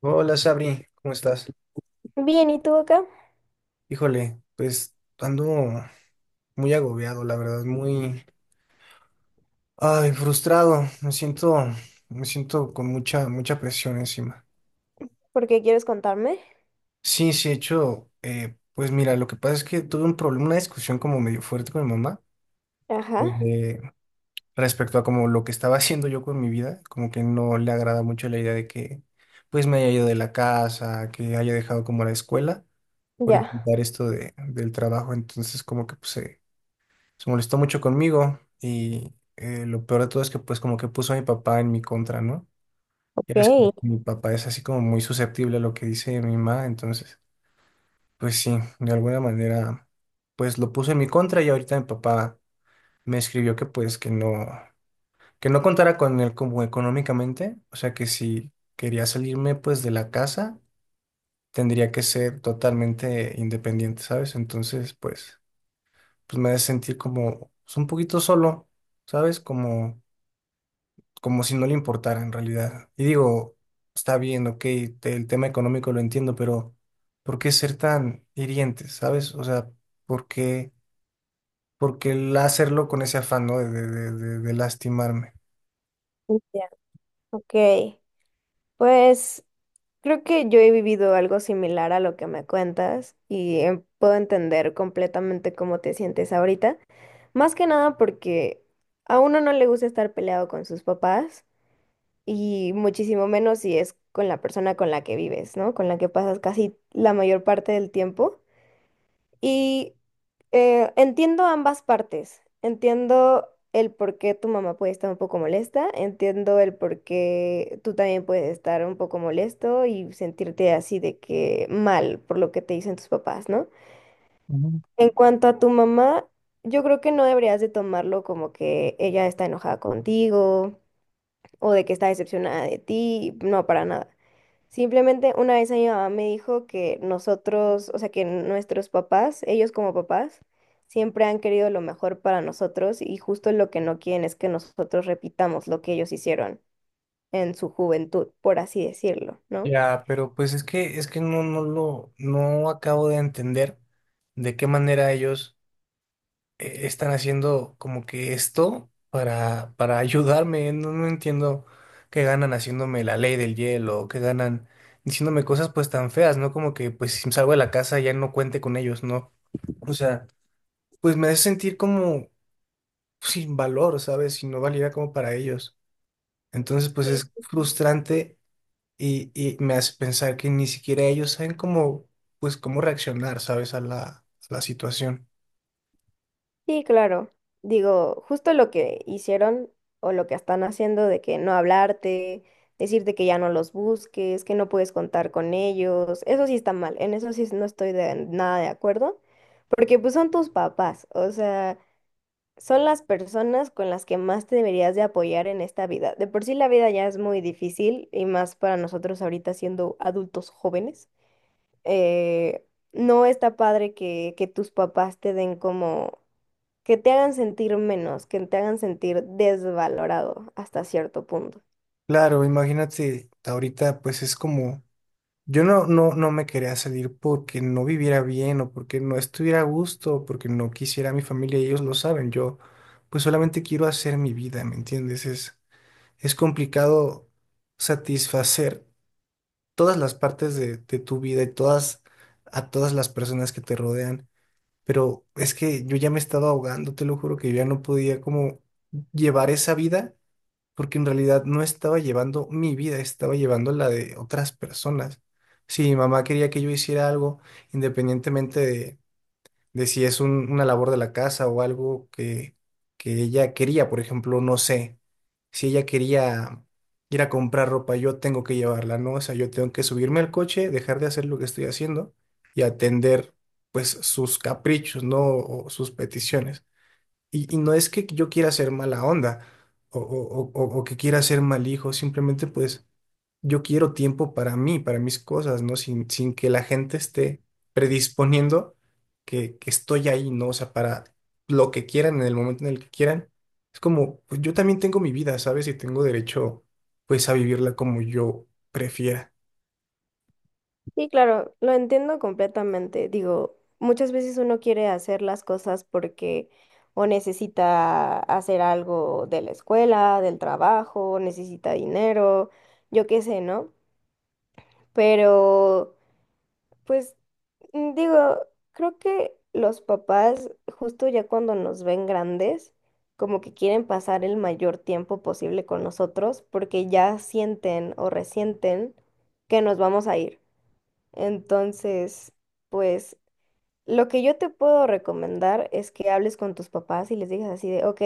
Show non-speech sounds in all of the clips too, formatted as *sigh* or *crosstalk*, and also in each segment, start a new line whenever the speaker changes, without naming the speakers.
Hola, Sabri, ¿cómo estás?
Bien, ¿y tú acá?
Híjole, pues ando muy agobiado, la verdad, muy frustrado. Me siento con mucha presión encima.
¿Por qué quieres contarme?
Sí, sí, de hecho, pues mira, lo que pasa es que tuve un problema, una discusión como medio fuerte con mi mamá,
Ajá,
eh, respecto a como lo que estaba *laughs* haciendo yo con mi vida, como que no le agrada mucho la idea de que pues me haya ido de la casa, que haya dejado como la escuela por
ya.
intentar esto del trabajo. Entonces como que pues... se molestó mucho conmigo y lo peor de todo es que pues como que puso a mi papá en mi contra, ¿no? Ya ves que
Ok,
mi papá es así como muy susceptible a lo que dice mi mamá, entonces pues sí, de alguna manera pues lo puso en mi contra, y ahorita mi papá me escribió que pues que no contara con él como económicamente, o sea, que si quería salirme pues de la casa tendría que ser totalmente independiente, ¿sabes? Entonces pues, pues me hace sentir como pues, un poquito solo, ¿sabes? Como como si no le importara en realidad. Y digo, está bien, ok, el tema económico lo entiendo, pero ¿por qué ser tan hirientes, sabes? O sea, ¿por qué, por qué el hacerlo con ese afán, ¿no? De lastimarme.
ya, ok. Pues creo que yo he vivido algo similar a lo que me cuentas y puedo entender completamente cómo te sientes ahorita. Más que nada porque a uno no le gusta estar peleado con sus papás y muchísimo menos si es con la persona con la que vives, ¿no? Con la que pasas casi la mayor parte del tiempo. Y entiendo ambas partes. Entiendo el por qué tu mamá puede estar un poco molesta, entiendo el por qué tú también puedes estar un poco molesto y sentirte así de que mal por lo que te dicen tus papás, ¿no?
Ujú.
En cuanto a tu mamá, yo creo que no deberías de tomarlo como que ella está enojada contigo o de que está decepcionada de ti, no, para nada. Simplemente una vez a mi mamá me dijo que nosotros, o sea, que nuestros papás, ellos como papás, siempre han querido lo mejor para nosotros y justo lo que no quieren es que nosotros repitamos lo que ellos hicieron en su juventud, por así decirlo, ¿no?
Ya, pero pues es que no acabo de entender de qué manera ellos están haciendo como que esto para ayudarme. No entiendo qué ganan haciéndome la ley del hielo, qué ganan diciéndome cosas pues tan feas, ¿no? Como que pues si salgo de la casa ya no cuente con ellos, ¿no? O sea, pues me hace sentir como sin valor, ¿sabes? Sin no valía como para ellos. Entonces pues es frustrante y me hace pensar que ni siquiera ellos saben cómo, pues cómo reaccionar, ¿sabes? A la situación.
Sí, claro. Digo, justo lo que hicieron o lo que están haciendo de que no hablarte, decirte que ya no los busques, que no puedes contar con ellos, eso sí está mal, en eso sí no estoy de nada de acuerdo, porque pues son tus papás, o sea, son las personas con las que más te deberías de apoyar en esta vida. De por sí la vida ya es muy difícil y más para nosotros ahorita siendo adultos jóvenes. Eh, no está padre que tus papás te den como que te hagan sentir menos, que te hagan sentir desvalorado hasta cierto punto.
Claro, imagínate, ahorita pues es como yo no me quería salir porque no viviera bien o porque no estuviera a gusto o porque no quisiera a mi familia, y ellos lo saben. Yo pues solamente quiero hacer mi vida, ¿me entiendes? Es complicado satisfacer todas las partes de tu vida, y todas a todas las personas que te rodean. Pero es que yo ya me estaba ahogando, te lo juro que yo ya no podía como llevar esa vida, porque en realidad no estaba llevando mi vida, estaba llevando la de otras personas. Si mi mamá quería que yo hiciera algo, independientemente de si es una labor de la casa o algo que ella quería, por ejemplo, no sé, si ella quería ir a comprar ropa, yo tengo que llevarla, ¿no? O sea, yo tengo que subirme al coche, dejar de hacer lo que estoy haciendo y atender, pues, sus caprichos, ¿no? O sus peticiones. Y no es que yo quiera ser mala onda o que quiera ser mal hijo, simplemente pues yo quiero tiempo para mí, para mis cosas, ¿no? Sin que la gente esté predisponiendo que estoy ahí, ¿no? O sea, para lo que quieran, en el momento en el que quieran. Es como, pues yo también tengo mi vida, ¿sabes? Y tengo derecho pues a vivirla como yo prefiera.
Y claro, lo entiendo completamente. Digo, muchas veces uno quiere hacer las cosas porque o necesita hacer algo de la escuela, del trabajo, necesita dinero, yo qué sé, ¿no? Pero pues digo, creo que los papás, justo ya cuando nos ven grandes, como que quieren pasar el mayor tiempo posible con nosotros porque ya sienten o resienten que nos vamos a ir. Entonces, pues lo que yo te puedo recomendar es que hables con tus papás y les digas así de, ok.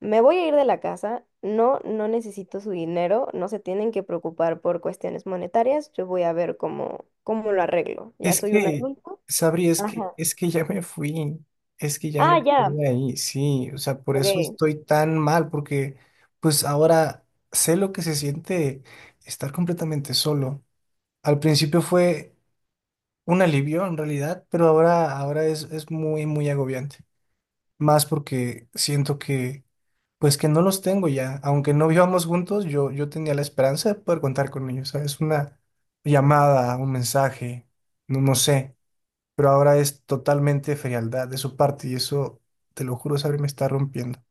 Me voy a ir de la casa, no, no necesito su dinero, no se tienen que preocupar por cuestiones monetarias, yo voy a ver cómo, cómo lo arreglo. Ya
Es
soy un
que,
adulto.
Sabri,
Ajá.
es que ya me fui, es que ya no
Ah, ya,
estoy ahí, sí, o sea, por eso
ok.
estoy tan mal, porque pues ahora sé lo que se siente estar completamente solo. Al principio fue un alivio en realidad, pero ahora, ahora es muy agobiante. Más porque siento que, pues que no los tengo ya. Aunque no vivamos juntos, yo tenía la esperanza de poder contar con ellos, ¿sabes? Una llamada, un mensaje, no sé, pero ahora es totalmente frialdad de su parte, y eso, te lo juro, Sabri, me está rompiendo.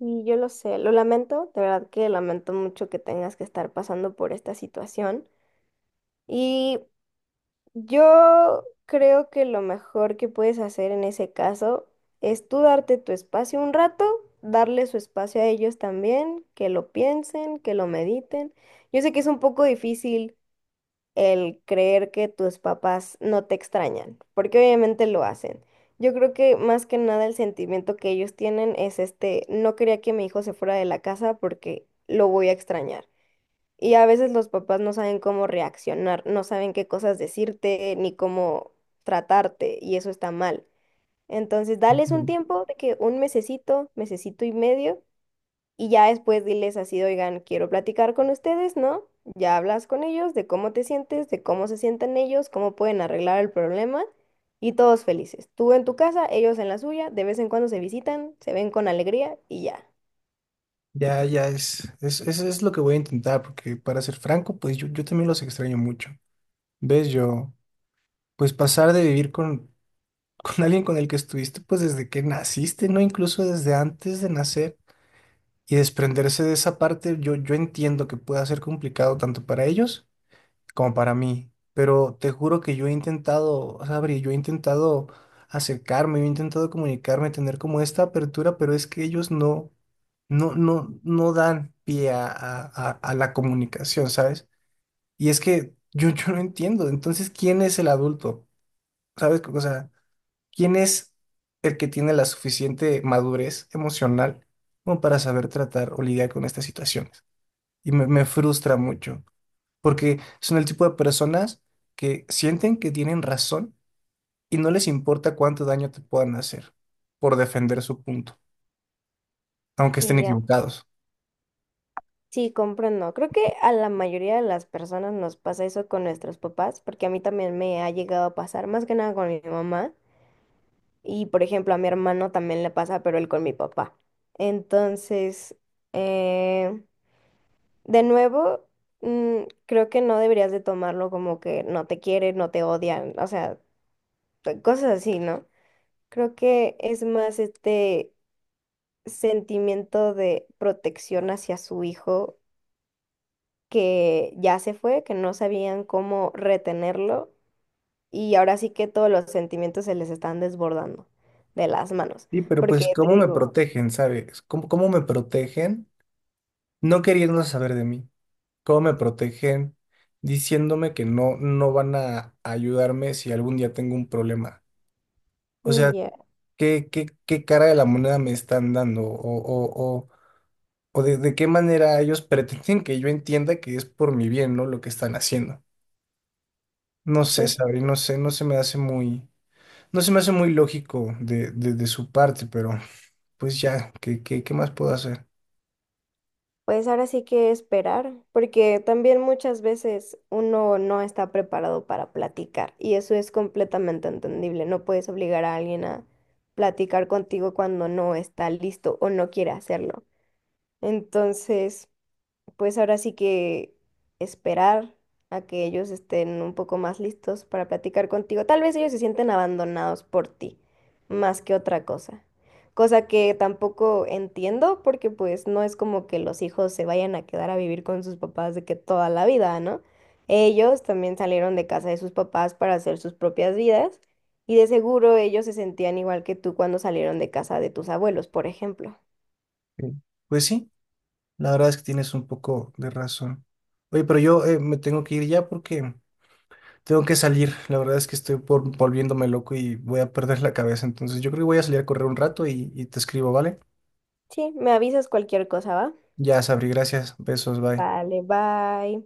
Y yo lo sé, lo lamento, de verdad que lamento mucho que tengas que estar pasando por esta situación. Y yo creo que lo mejor que puedes hacer en ese caso es tú darte tu espacio un rato, darle su espacio a ellos también, que lo piensen, que lo mediten. Yo sé que es un poco difícil el creer que tus papás no te extrañan, porque obviamente lo hacen. Yo creo que más que nada el sentimiento que ellos tienen es este, no quería que mi hijo se fuera de la casa porque lo voy a extrañar. Y a veces los papás no saben cómo reaccionar, no saben qué cosas decirte ni cómo tratarte, y eso está mal. Entonces, dales un
Ujú.
tiempo de que un mesecito, mesecito y medio, y ya después diles así, oigan, quiero platicar con ustedes, ¿no? Ya hablas con ellos de cómo te sientes, de cómo se sienten ellos, cómo pueden arreglar el problema, y todos felices. Tú en tu casa, ellos en la suya, de vez en cuando se visitan, se ven con alegría y ya.
Ya, ya es, es es lo que voy a intentar, porque para ser franco, pues yo también los extraño mucho. ¿Ves? Yo, pues pasar de vivir con, *laughs* con alguien con el que estuviste, pues desde que naciste, ¿no? Incluso desde antes de nacer, y desprenderse de esa parte, yo entiendo que pueda ser complicado tanto para ellos como para mí. Pero te juro que yo he intentado, Sabri, yo he intentado acercarme, yo he intentado comunicarme, tener como esta apertura, pero es que ellos no dan pie a la comunicación, ¿sabes? Y es que yo, *laughs* yo no entiendo. Entonces, ¿quién es el adulto? ¿Sabes? O sea, ¿quién es el que tiene la suficiente madurez emocional como para saber tratar o lidiar con estas situaciones? Y me frustra mucho porque son el tipo de personas que sienten que tienen razón y no les importa cuánto daño te puedan hacer por defender su punto, aunque estén
Y ya.
equivocados.
Sí, comprendo. Creo que a la mayoría de las personas nos pasa eso con nuestros papás, porque a mí también me ha llegado a pasar, más que nada con mi mamá, y por ejemplo a mi hermano también le pasa, pero él con mi papá. Entonces, eh, de nuevo, creo que no deberías de tomarlo como que no te quieren, no te odian, o sea, cosas así, ¿no? Creo que es más este sentimiento de protección hacia su hijo que ya se fue, que no sabían cómo retenerlo y ahora sí que todos los sentimientos se les están desbordando de las manos.
Sí, pero pues
Porque te
¿cómo me
digo,
protegen, sabes? ¿Cómo, cómo me protegen no queriendo saber de mí? ¿Cómo me protegen diciéndome que no, no van a ayudarme si algún día tengo un problema? O sea,
ya,
¿qué, qué, qué cara de la moneda me están dando? O de qué manera ellos pretenden que yo entienda que es por mi bien, ¿no? Lo que están haciendo. No sé,
pues,
Sabri, no sé, no se me hace muy, no se me hace muy lógico de su parte, pero pues ya, ¿qué, qué, qué más puedo hacer?
pues ahora sí que esperar, porque también muchas veces uno no está preparado para platicar y eso es completamente entendible. No puedes obligar a alguien a platicar contigo cuando no está listo o no quiere hacerlo. Entonces, pues ahora sí que esperar a que ellos estén un poco más listos para platicar contigo. Tal vez ellos se sienten abandonados por ti, más que otra cosa. Cosa que tampoco entiendo porque pues no es como que los hijos se vayan a quedar a vivir con sus papás de que toda la vida, ¿no? Ellos también salieron de casa de sus papás para hacer sus propias vidas y de seguro ellos se sentían igual que tú cuando salieron de casa de tus abuelos, por ejemplo.
Eh, Pues sí, la verdad es que tienes un poco de razón. Oye, pero yo me tengo que ir ya porque tengo que salir. La verdad es que estoy por, volviéndome loco y voy a perder la cabeza. Entonces yo creo que voy a salir a correr un rato y te escribo, ¿vale?
Sí, me avisas cualquier cosa, ¿va?
Ya, Sabri, gracias. Besos, bye.
Vale, bye.